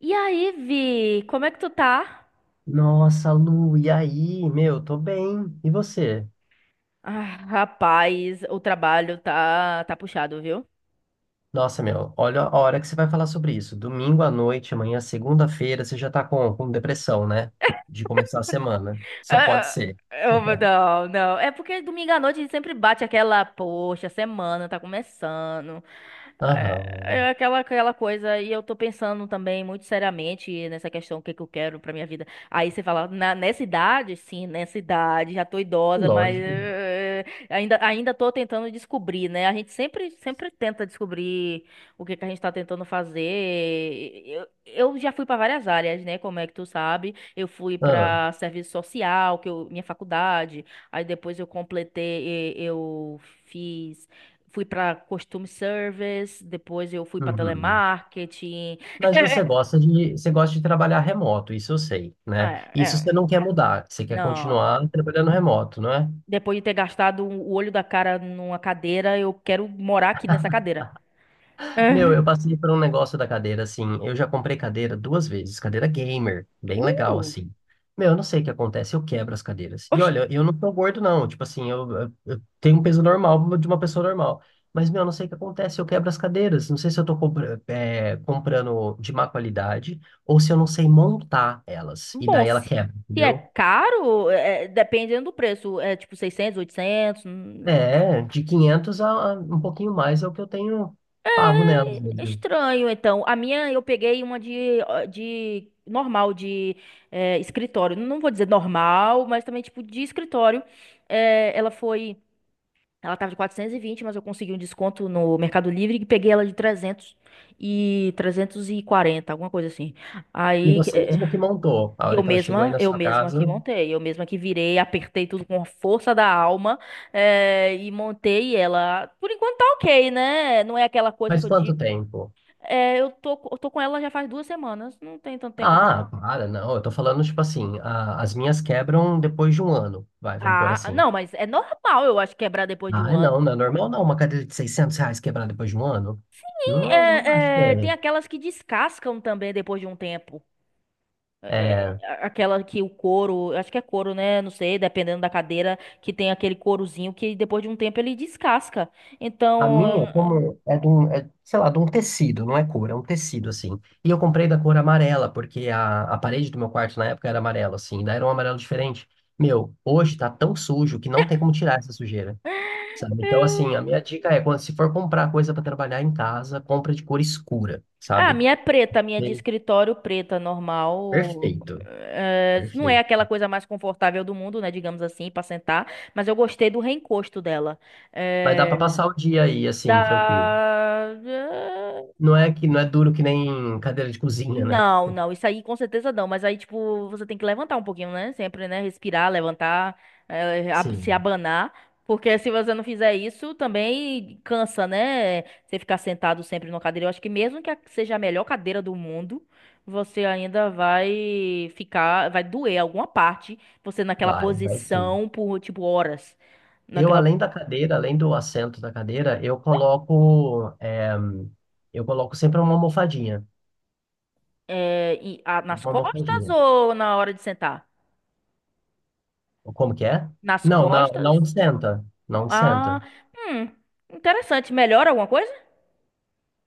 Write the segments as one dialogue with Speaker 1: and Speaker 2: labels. Speaker 1: E aí, Vi, como é que tu tá?
Speaker 2: Nossa, Lu, e aí? Meu, tô bem. E você?
Speaker 1: Ah, rapaz, o trabalho tá puxado, viu?
Speaker 2: Nossa, meu, olha a hora que você vai falar sobre isso. Domingo à noite, amanhã, segunda-feira, você já tá com depressão, né? De começar a semana. Só pode
Speaker 1: Ah,
Speaker 2: ser.
Speaker 1: não, não. É porque domingo à noite sempre bate aquela, poxa, semana tá começando. É,
Speaker 2: Aham,
Speaker 1: é aquela, coisa, e eu tô pensando também muito seriamente nessa questão, o que que eu quero pra minha vida. Aí você fala, nessa idade, sim, nessa idade, já tô idosa, mas
Speaker 2: lógico.
Speaker 1: ainda tô tentando descobrir, né? A gente sempre tenta descobrir o que que a gente tá tentando fazer. Eu já fui pra várias áreas, né? Como é que tu sabe? Eu fui
Speaker 2: Ah,
Speaker 1: para serviço social, que eu, minha faculdade. Aí depois eu completei, eu fiz, fui para costume service, depois eu fui para
Speaker 2: uhum.
Speaker 1: telemarketing.
Speaker 2: Mas você gosta de trabalhar remoto, isso eu sei, né?
Speaker 1: É,
Speaker 2: Isso você
Speaker 1: é,
Speaker 2: não quer mudar, você quer
Speaker 1: não.
Speaker 2: continuar trabalhando remoto, não é?
Speaker 1: Depois de ter gastado o olho da cara numa cadeira, eu quero morar aqui nessa cadeira.
Speaker 2: Meu, eu passei por um negócio da cadeira, assim. Eu já comprei cadeira 2 vezes, cadeira gamer,
Speaker 1: É.
Speaker 2: bem legal, assim. Meu, eu não sei o que acontece, eu quebro as cadeiras. E
Speaker 1: Oxe,
Speaker 2: olha, eu não sou gordo, não. Tipo assim, eu, eu tenho um peso normal de uma pessoa normal. Mas, meu, eu não sei o que acontece, eu quebro as cadeiras. Não sei se eu tô comprando de má qualidade ou se eu não sei montar elas. E
Speaker 1: bom,
Speaker 2: daí ela quebra,
Speaker 1: se é
Speaker 2: entendeu?
Speaker 1: caro, é, dependendo do preço, é tipo 600, 800.
Speaker 2: É, de 500 a um pouquinho mais é o que eu tenho pago nelas mesmo.
Speaker 1: Estranho, então. A minha eu peguei uma de normal, de escritório. Não vou dizer normal, mas também tipo de escritório. É, ela foi. Ela tava de 420 mas eu consegui um desconto no Mercado Livre e peguei ela de 300 e 340 alguma coisa assim.
Speaker 2: E
Speaker 1: Aí
Speaker 2: você
Speaker 1: é,
Speaker 2: mesmo que montou, a hora que ela chegou aí na
Speaker 1: eu
Speaker 2: sua
Speaker 1: mesma que
Speaker 2: casa.
Speaker 1: montei, eu mesma que virei, apertei tudo com a força da alma e montei ela. Por enquanto tá ok, né? Não é aquela coisa que
Speaker 2: Faz
Speaker 1: eu
Speaker 2: quanto
Speaker 1: digo
Speaker 2: tempo?
Speaker 1: é, eu tô com ela já faz duas semanas. Não tem tanto tempo assim, né?
Speaker 2: Ah, para, não. Eu tô falando, tipo assim, as minhas quebram depois de 1 ano. Vai, vamos pôr
Speaker 1: Ah,
Speaker 2: assim.
Speaker 1: não, mas é normal, eu acho, quebrar depois de um
Speaker 2: Ah, não,
Speaker 1: ano.
Speaker 2: não é normal não. Uma cadeira de 600 reais quebrar depois de 1 ano?
Speaker 1: E,
Speaker 2: Não, não acho que
Speaker 1: é, é, tem
Speaker 2: é.
Speaker 1: aquelas que descascam também depois de um tempo. É,
Speaker 2: É,
Speaker 1: é, aquela que o couro, eu acho que é couro, né? Não sei, dependendo da cadeira, que tem aquele courozinho que depois de um tempo ele descasca.
Speaker 2: a
Speaker 1: Então,
Speaker 2: minha,
Speaker 1: é,
Speaker 2: como é de um, é, sei lá, de um tecido, não é cor, é um tecido, assim. E eu comprei da cor amarela, porque a parede do meu quarto na época era amarela, assim. Daí era um amarelo diferente. Meu, hoje tá tão sujo que não tem como tirar essa sujeira. Sabe? Então, assim,
Speaker 1: é,
Speaker 2: a minha dica é, quando se for comprar coisa para trabalhar em casa, compra de cor escura,
Speaker 1: ah, a
Speaker 2: sabe?
Speaker 1: minha é preta, a minha é de
Speaker 2: E-
Speaker 1: escritório preta, normal.
Speaker 2: Perfeito,
Speaker 1: É, não é
Speaker 2: perfeito.
Speaker 1: aquela coisa mais confortável do mundo, né? Digamos assim, pra sentar. Mas eu gostei do reencosto dela.
Speaker 2: Mas dá para
Speaker 1: É,
Speaker 2: passar o dia aí, assim, tranquilo.
Speaker 1: da...
Speaker 2: Não é que não é duro que nem cadeira de cozinha, né?
Speaker 1: Não, não, isso aí com certeza não, mas aí, tipo, você tem que levantar um pouquinho, né? Sempre, né? Respirar, levantar, se
Speaker 2: Sim,
Speaker 1: abanar, porque se você não fizer isso, também cansa, né? Você ficar sentado sempre numa cadeira. Eu acho que mesmo que seja a melhor cadeira do mundo, você ainda vai ficar, vai doer alguma parte, você naquela
Speaker 2: vai sim.
Speaker 1: posição por, tipo, horas.
Speaker 2: Eu,
Speaker 1: Naquela,
Speaker 2: além da cadeira, além do assento da cadeira, eu coloco, é, eu coloco sempre uma almofadinha,
Speaker 1: nas
Speaker 2: uma
Speaker 1: costas
Speaker 2: almofadinha.
Speaker 1: ou na hora de sentar?
Speaker 2: Como que é?
Speaker 1: Nas
Speaker 2: Não,
Speaker 1: costas?
Speaker 2: na onde senta, na onde senta.
Speaker 1: Ah, hum, interessante. Melhora alguma coisa?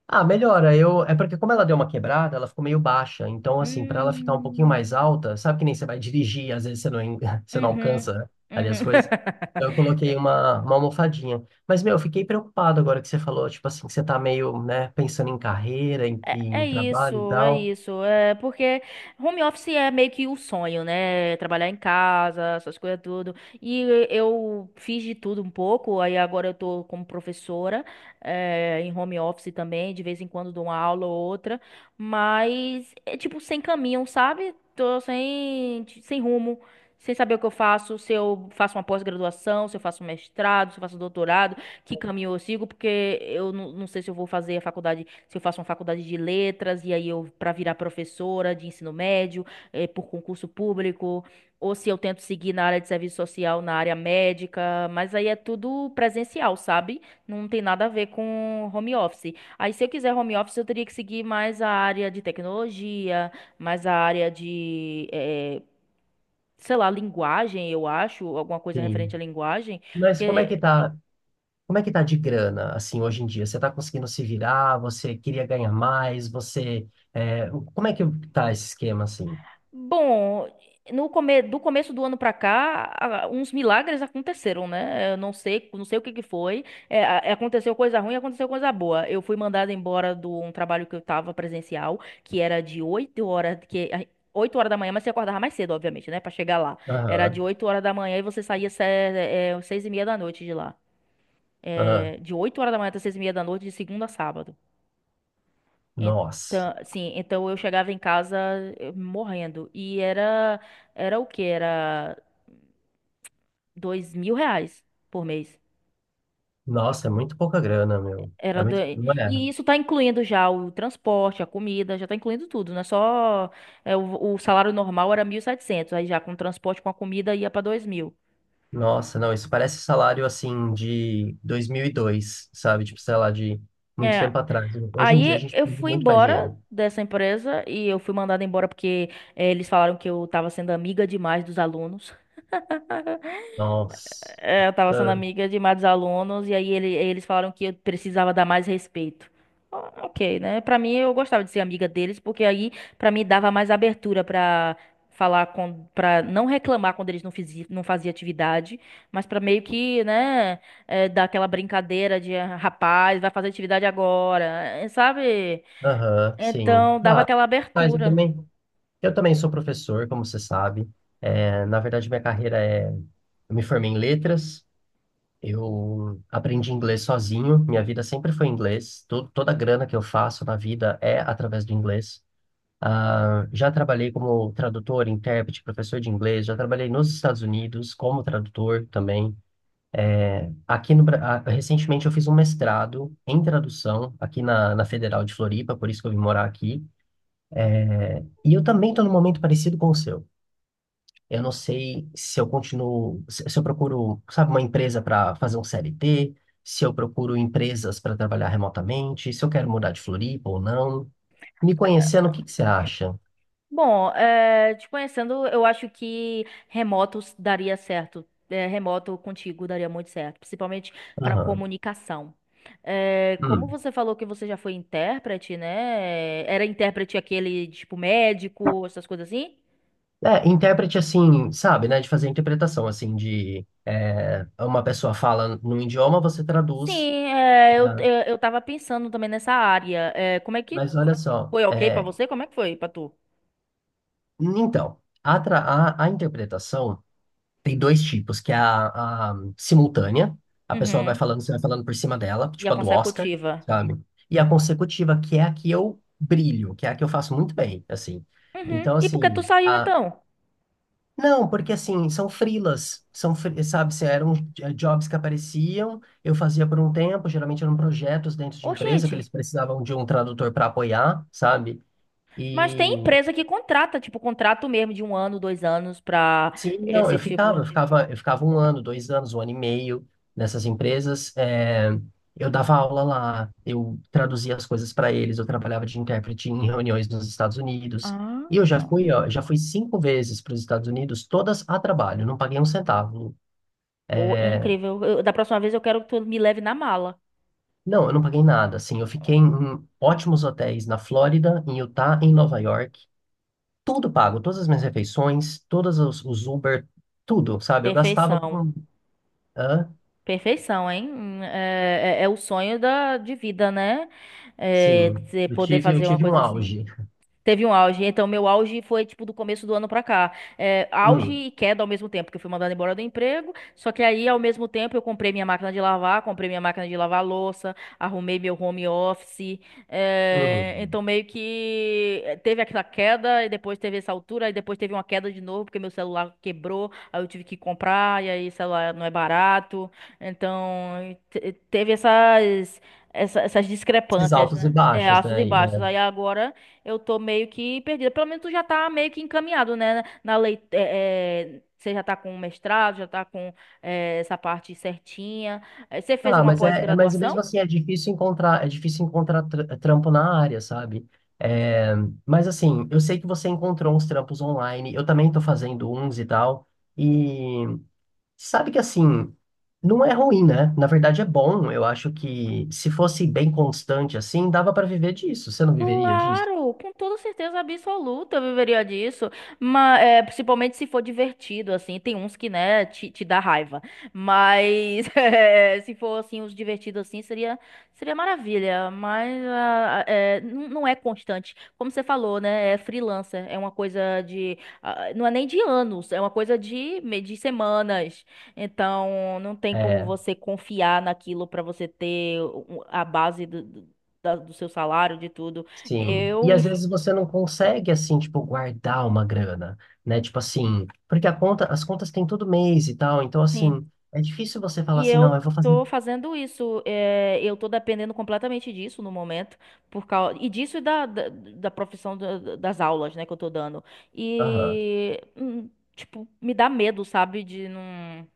Speaker 2: Ah, melhora. Eu, é porque como ela deu uma quebrada, ela ficou meio baixa. Então, assim, para ela ficar um pouquinho mais
Speaker 1: Hum,
Speaker 2: alta, sabe que nem você vai dirigir, às vezes você não, você não
Speaker 1: uhum,
Speaker 2: alcança né, ali as
Speaker 1: uhum.
Speaker 2: coisas. Então, eu coloquei uma almofadinha. Mas, meu, eu fiquei preocupado agora que você falou, tipo assim, que você tá meio, né, pensando em carreira, em,
Speaker 1: É, é
Speaker 2: em trabalho e
Speaker 1: isso, é
Speaker 2: tal.
Speaker 1: isso. É porque home office é meio que o sonho, né? Trabalhar em casa, essas coisas tudo. E eu fiz de tudo um pouco, aí agora eu tô como professora, é, em home office também, de vez em quando dou uma aula ou outra, mas é tipo sem caminho, sabe? Tô sem, sem rumo. Sem saber o que eu faço, se eu faço uma pós-graduação, se eu faço um mestrado, se eu faço um doutorado, que caminho eu sigo, porque eu não, não sei se eu vou fazer a faculdade, se eu faço uma faculdade de letras e aí eu para virar professora de ensino médio, por concurso público, ou se eu tento seguir na área de serviço social, na área médica, mas aí é tudo presencial, sabe? Não tem nada a ver com home office. Aí se eu quiser home office, eu teria que seguir mais a área de tecnologia, mais a área de sei lá, linguagem, eu acho, alguma coisa referente à
Speaker 2: Sim.
Speaker 1: linguagem,
Speaker 2: Mas como é que
Speaker 1: porque
Speaker 2: tá, como é que tá de grana, assim, hoje em dia? Você tá conseguindo se virar? Você queria ganhar mais? Você, é, como é que tá esse esquema, assim?
Speaker 1: bom, no come... do começo do ano pra cá, uns milagres aconteceram, né? Eu não sei, não sei o que que foi. É, aconteceu coisa ruim, aconteceu coisa boa. Eu fui mandada embora de um trabalho que eu tava presencial, que era de 8 horas, 8 horas da manhã, mas você acordava mais cedo, obviamente, né? Pra chegar lá. Era de
Speaker 2: Aham,
Speaker 1: 8 horas da manhã e você saía se- é, 6:30 da noite de lá.
Speaker 2: aham.
Speaker 1: É, de 8 horas da manhã até 6:30 da noite, de segunda a sábado.
Speaker 2: Nossa.
Speaker 1: Então, sim, então eu chegava em casa morrendo. E era, era o quê? Era 2.000 reais por mês.
Speaker 2: Nossa, é muito pouca grana, meu.
Speaker 1: Era
Speaker 2: É
Speaker 1: do...
Speaker 2: muito.
Speaker 1: E
Speaker 2: Não é?
Speaker 1: isso tá incluindo já o transporte, a comida, já tá incluindo tudo, não é só... é, o salário normal era 1.700 aí já com o transporte, com a comida ia pra 2.000.
Speaker 2: Nossa, não, isso parece salário assim de 2002, sabe? Tipo, sei lá, de muito
Speaker 1: É,
Speaker 2: tempo atrás. Hoje em dia a
Speaker 1: aí
Speaker 2: gente
Speaker 1: eu
Speaker 2: precisa de
Speaker 1: fui
Speaker 2: muito mais
Speaker 1: embora
Speaker 2: dinheiro.
Speaker 1: dessa empresa e eu fui mandada embora porque eles falaram que eu tava sendo amiga demais dos alunos.
Speaker 2: Nossa.
Speaker 1: É, eu tava sendo
Speaker 2: Ah,
Speaker 1: amiga de mais alunos e aí eles falaram que eu precisava dar mais respeito. Ah, ok, né? Pra mim eu gostava de ser amiga deles porque aí pra mim dava mais abertura pra falar com para não reclamar quando eles não faziam atividade, mas pra meio que, né, é, dar aquela brincadeira de "Ah, rapaz, vai fazer atividade agora, eh, sabe?
Speaker 2: Aham, sim.
Speaker 1: Então dava
Speaker 2: Claro,
Speaker 1: aquela
Speaker 2: mas
Speaker 1: abertura.
Speaker 2: eu também sou professor, como você sabe. É, na verdade, minha carreira é. Eu me formei em letras, eu aprendi inglês sozinho, minha vida sempre foi inglês. Toda a grana que eu faço na vida é através do inglês. Ah, já trabalhei como tradutor, intérprete, professor de inglês, já trabalhei nos Estados Unidos como tradutor também. É, Aqui no, Bra- ah, recentemente eu fiz um mestrado em tradução aqui na Federal de Floripa, por isso que eu vim morar aqui. E eu também estou num momento parecido com o seu. Eu não sei se eu continuo, se eu procuro, sabe, uma empresa para fazer um CLT, se eu procuro empresas para trabalhar remotamente, se eu quero mudar de Floripa ou não. Me conhecendo, o que que você acha?
Speaker 1: Bom, eh, te conhecendo, eu acho que daria certo. Eh, remoto contigo daria muito certo, principalmente para
Speaker 2: Aham.
Speaker 1: comunicação. Eh, como
Speaker 2: Hum.
Speaker 1: você falou que você já foi intérprete, né? Era intérprete aquele tipo médico, essas coisas assim?
Speaker 2: É, intérprete assim, sabe, né? De fazer interpretação, assim, de é, uma pessoa fala num idioma, você
Speaker 1: Sim,
Speaker 2: traduz.
Speaker 1: eh,
Speaker 2: Né?
Speaker 1: eu tava pensando também nessa área. Eh, como é que
Speaker 2: Mas olha só,
Speaker 1: foi ok para
Speaker 2: é,
Speaker 1: você? Como é que foi para tu?
Speaker 2: então, a interpretação tem dois tipos, que é a simultânea, a pessoa vai
Speaker 1: Uhum.
Speaker 2: falando, você vai falando por cima dela,
Speaker 1: E
Speaker 2: tipo
Speaker 1: a
Speaker 2: a do Oscar,
Speaker 1: consecutiva?
Speaker 2: sabe? E a consecutiva, que é a que eu brilho, que é a que eu faço muito bem, assim.
Speaker 1: Uhum.
Speaker 2: Então,
Speaker 1: E por que tu
Speaker 2: assim,
Speaker 1: saiu então?
Speaker 2: não, porque assim, são freelas, são, sabe, se eram jobs que apareciam, eu fazia por um tempo, geralmente eram projetos dentro de
Speaker 1: Ô,
Speaker 2: empresa que
Speaker 1: gente.
Speaker 2: eles precisavam de um tradutor para apoiar, sabe?
Speaker 1: Mas tem
Speaker 2: E
Speaker 1: empresa que contrata, tipo, contrato mesmo de um ano, dois anos pra
Speaker 2: sim, não,
Speaker 1: esse tipo.
Speaker 2: eu ficava um ano, 2 anos, um ano e meio nessas empresas, eu dava aula lá, eu traduzia as coisas para eles, eu trabalhava de intérprete em reuniões nos Estados Unidos.
Speaker 1: Ah,
Speaker 2: E eu já fui, ó, já fui 5 vezes para os Estados Unidos, todas a trabalho, não paguei um centavo.
Speaker 1: pô, incrível. Da próxima vez eu quero que tu me leve na mala.
Speaker 2: Não, eu não paguei nada. Assim, eu fiquei em ótimos hotéis na Flórida, em Utah, em Nova York. Tudo pago, todas as minhas refeições, todos os Uber, tudo, sabe? Eu gastava
Speaker 1: Perfeição.
Speaker 2: com. Hã?
Speaker 1: Perfeição, hein? É, é o sonho da, de vida, né? É,
Speaker 2: Sim,
Speaker 1: você poder
Speaker 2: eu
Speaker 1: fazer uma
Speaker 2: tive um
Speaker 1: coisa assim.
Speaker 2: auge.
Speaker 1: Teve um auge. Então, meu auge foi, tipo, do começo do ano pra cá. É, auge
Speaker 2: Hum,
Speaker 1: e queda ao mesmo tempo, porque eu fui mandada embora do emprego. Só que aí, ao mesmo tempo, eu comprei minha máquina de lavar, comprei minha máquina de lavar louça, arrumei meu home office. É,
Speaker 2: uhum.
Speaker 1: então, meio que eh, teve aquela queda, e depois teve essa altura, e depois teve uma queda de novo, porque meu celular quebrou, aí eu tive que comprar, e aí, celular não é barato. Então, teve essas, essas
Speaker 2: Esses
Speaker 1: discrepâncias,
Speaker 2: altos e
Speaker 1: né? É,
Speaker 2: baixos,
Speaker 1: altos e
Speaker 2: né? E,
Speaker 1: baixos.
Speaker 2: é,
Speaker 1: Aí agora eu tô meio que perdida. Pelo menos tu já tá meio que encaminhado, né? Na lei, é, é, você já tá com o mestrado, já tá com é, essa parte certinha. Eh, você fez
Speaker 2: ah,
Speaker 1: uma
Speaker 2: mas
Speaker 1: pós-graduação?
Speaker 2: mesmo assim é difícil encontrar trampo na área, sabe? É, mas assim, eu sei que você encontrou uns trampos online. Eu também tô fazendo uns e tal. E sabe que assim, não é ruim, né? Na verdade é bom. Eu acho que se fosse bem constante assim, dava para viver disso. Você não viveria disso?
Speaker 1: Claro, com toda certeza absoluta eu viveria disso, mas é, principalmente se for divertido, assim, tem uns que, né, te dá raiva, mas é, se for, assim, os divertidos, assim, seria, seria maravilha, mas ah, é, não é constante, como você falou, né, é freelancer, é uma coisa de, ah, não é nem de anos, é uma coisa de, de semanas, então não tem como
Speaker 2: É,
Speaker 1: você confiar naquilo para você ter a base do seu salário, de tudo.
Speaker 2: sim.
Speaker 1: Eu,
Speaker 2: E às
Speaker 1: inf-
Speaker 2: vezes você não consegue assim, tipo, guardar uma grana, né? Tipo assim, porque a conta, as contas têm todo mês e tal, então
Speaker 1: sim.
Speaker 2: assim, é difícil você falar
Speaker 1: E
Speaker 2: assim, não, eu
Speaker 1: eu
Speaker 2: vou fazer.
Speaker 1: tô fazendo isso. É, eu tô dependendo completamente disso no momento. Por causa, e disso e da profissão das aulas, né, que eu tô dando.
Speaker 2: Aham.
Speaker 1: E, tipo, me dá medo, sabe? De não,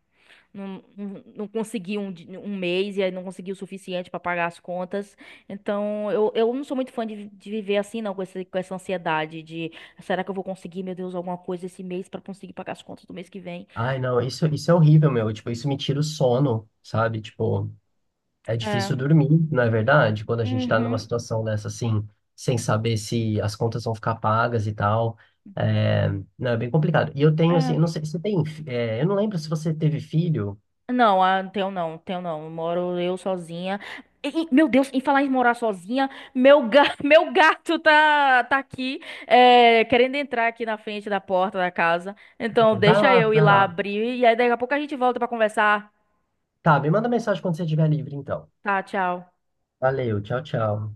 Speaker 1: não conseguir um mês e aí não conseguir o suficiente pra pagar as contas. Então, eu não sou muito fã de, de viver assim, não, com esse, com essa ansiedade de será que eu vou conseguir, meu Deus, alguma coisa esse mês pra conseguir pagar as contas do mês que vem?
Speaker 2: Ai, não, isso é horrível, meu. Tipo, isso me tira o sono, sabe? Tipo, é difícil
Speaker 1: É.
Speaker 2: dormir, não é verdade? Quando a gente está numa
Speaker 1: Uhum.
Speaker 2: situação dessa, assim, sem saber se as contas vão ficar pagas e tal. É, não, é bem complicado. E eu tenho, assim, eu não
Speaker 1: É.
Speaker 2: sei, se você tem, eu não lembro se você teve filho.
Speaker 1: Não, ah, não tenho não, tenho não. Moro eu sozinha. E, meu Deus, em falar em morar sozinha, meu, ga meu gato tá, tá aqui, é, querendo entrar aqui na frente da porta da casa. Então,
Speaker 2: Vai
Speaker 1: deixa
Speaker 2: lá,
Speaker 1: eu ir
Speaker 2: vai
Speaker 1: lá
Speaker 2: lá.
Speaker 1: abrir e aí daqui a pouco a gente volta pra conversar.
Speaker 2: Tá, me manda mensagem quando você estiver livre, então.
Speaker 1: Tá, tchau.
Speaker 2: Valeu, tchau, tchau.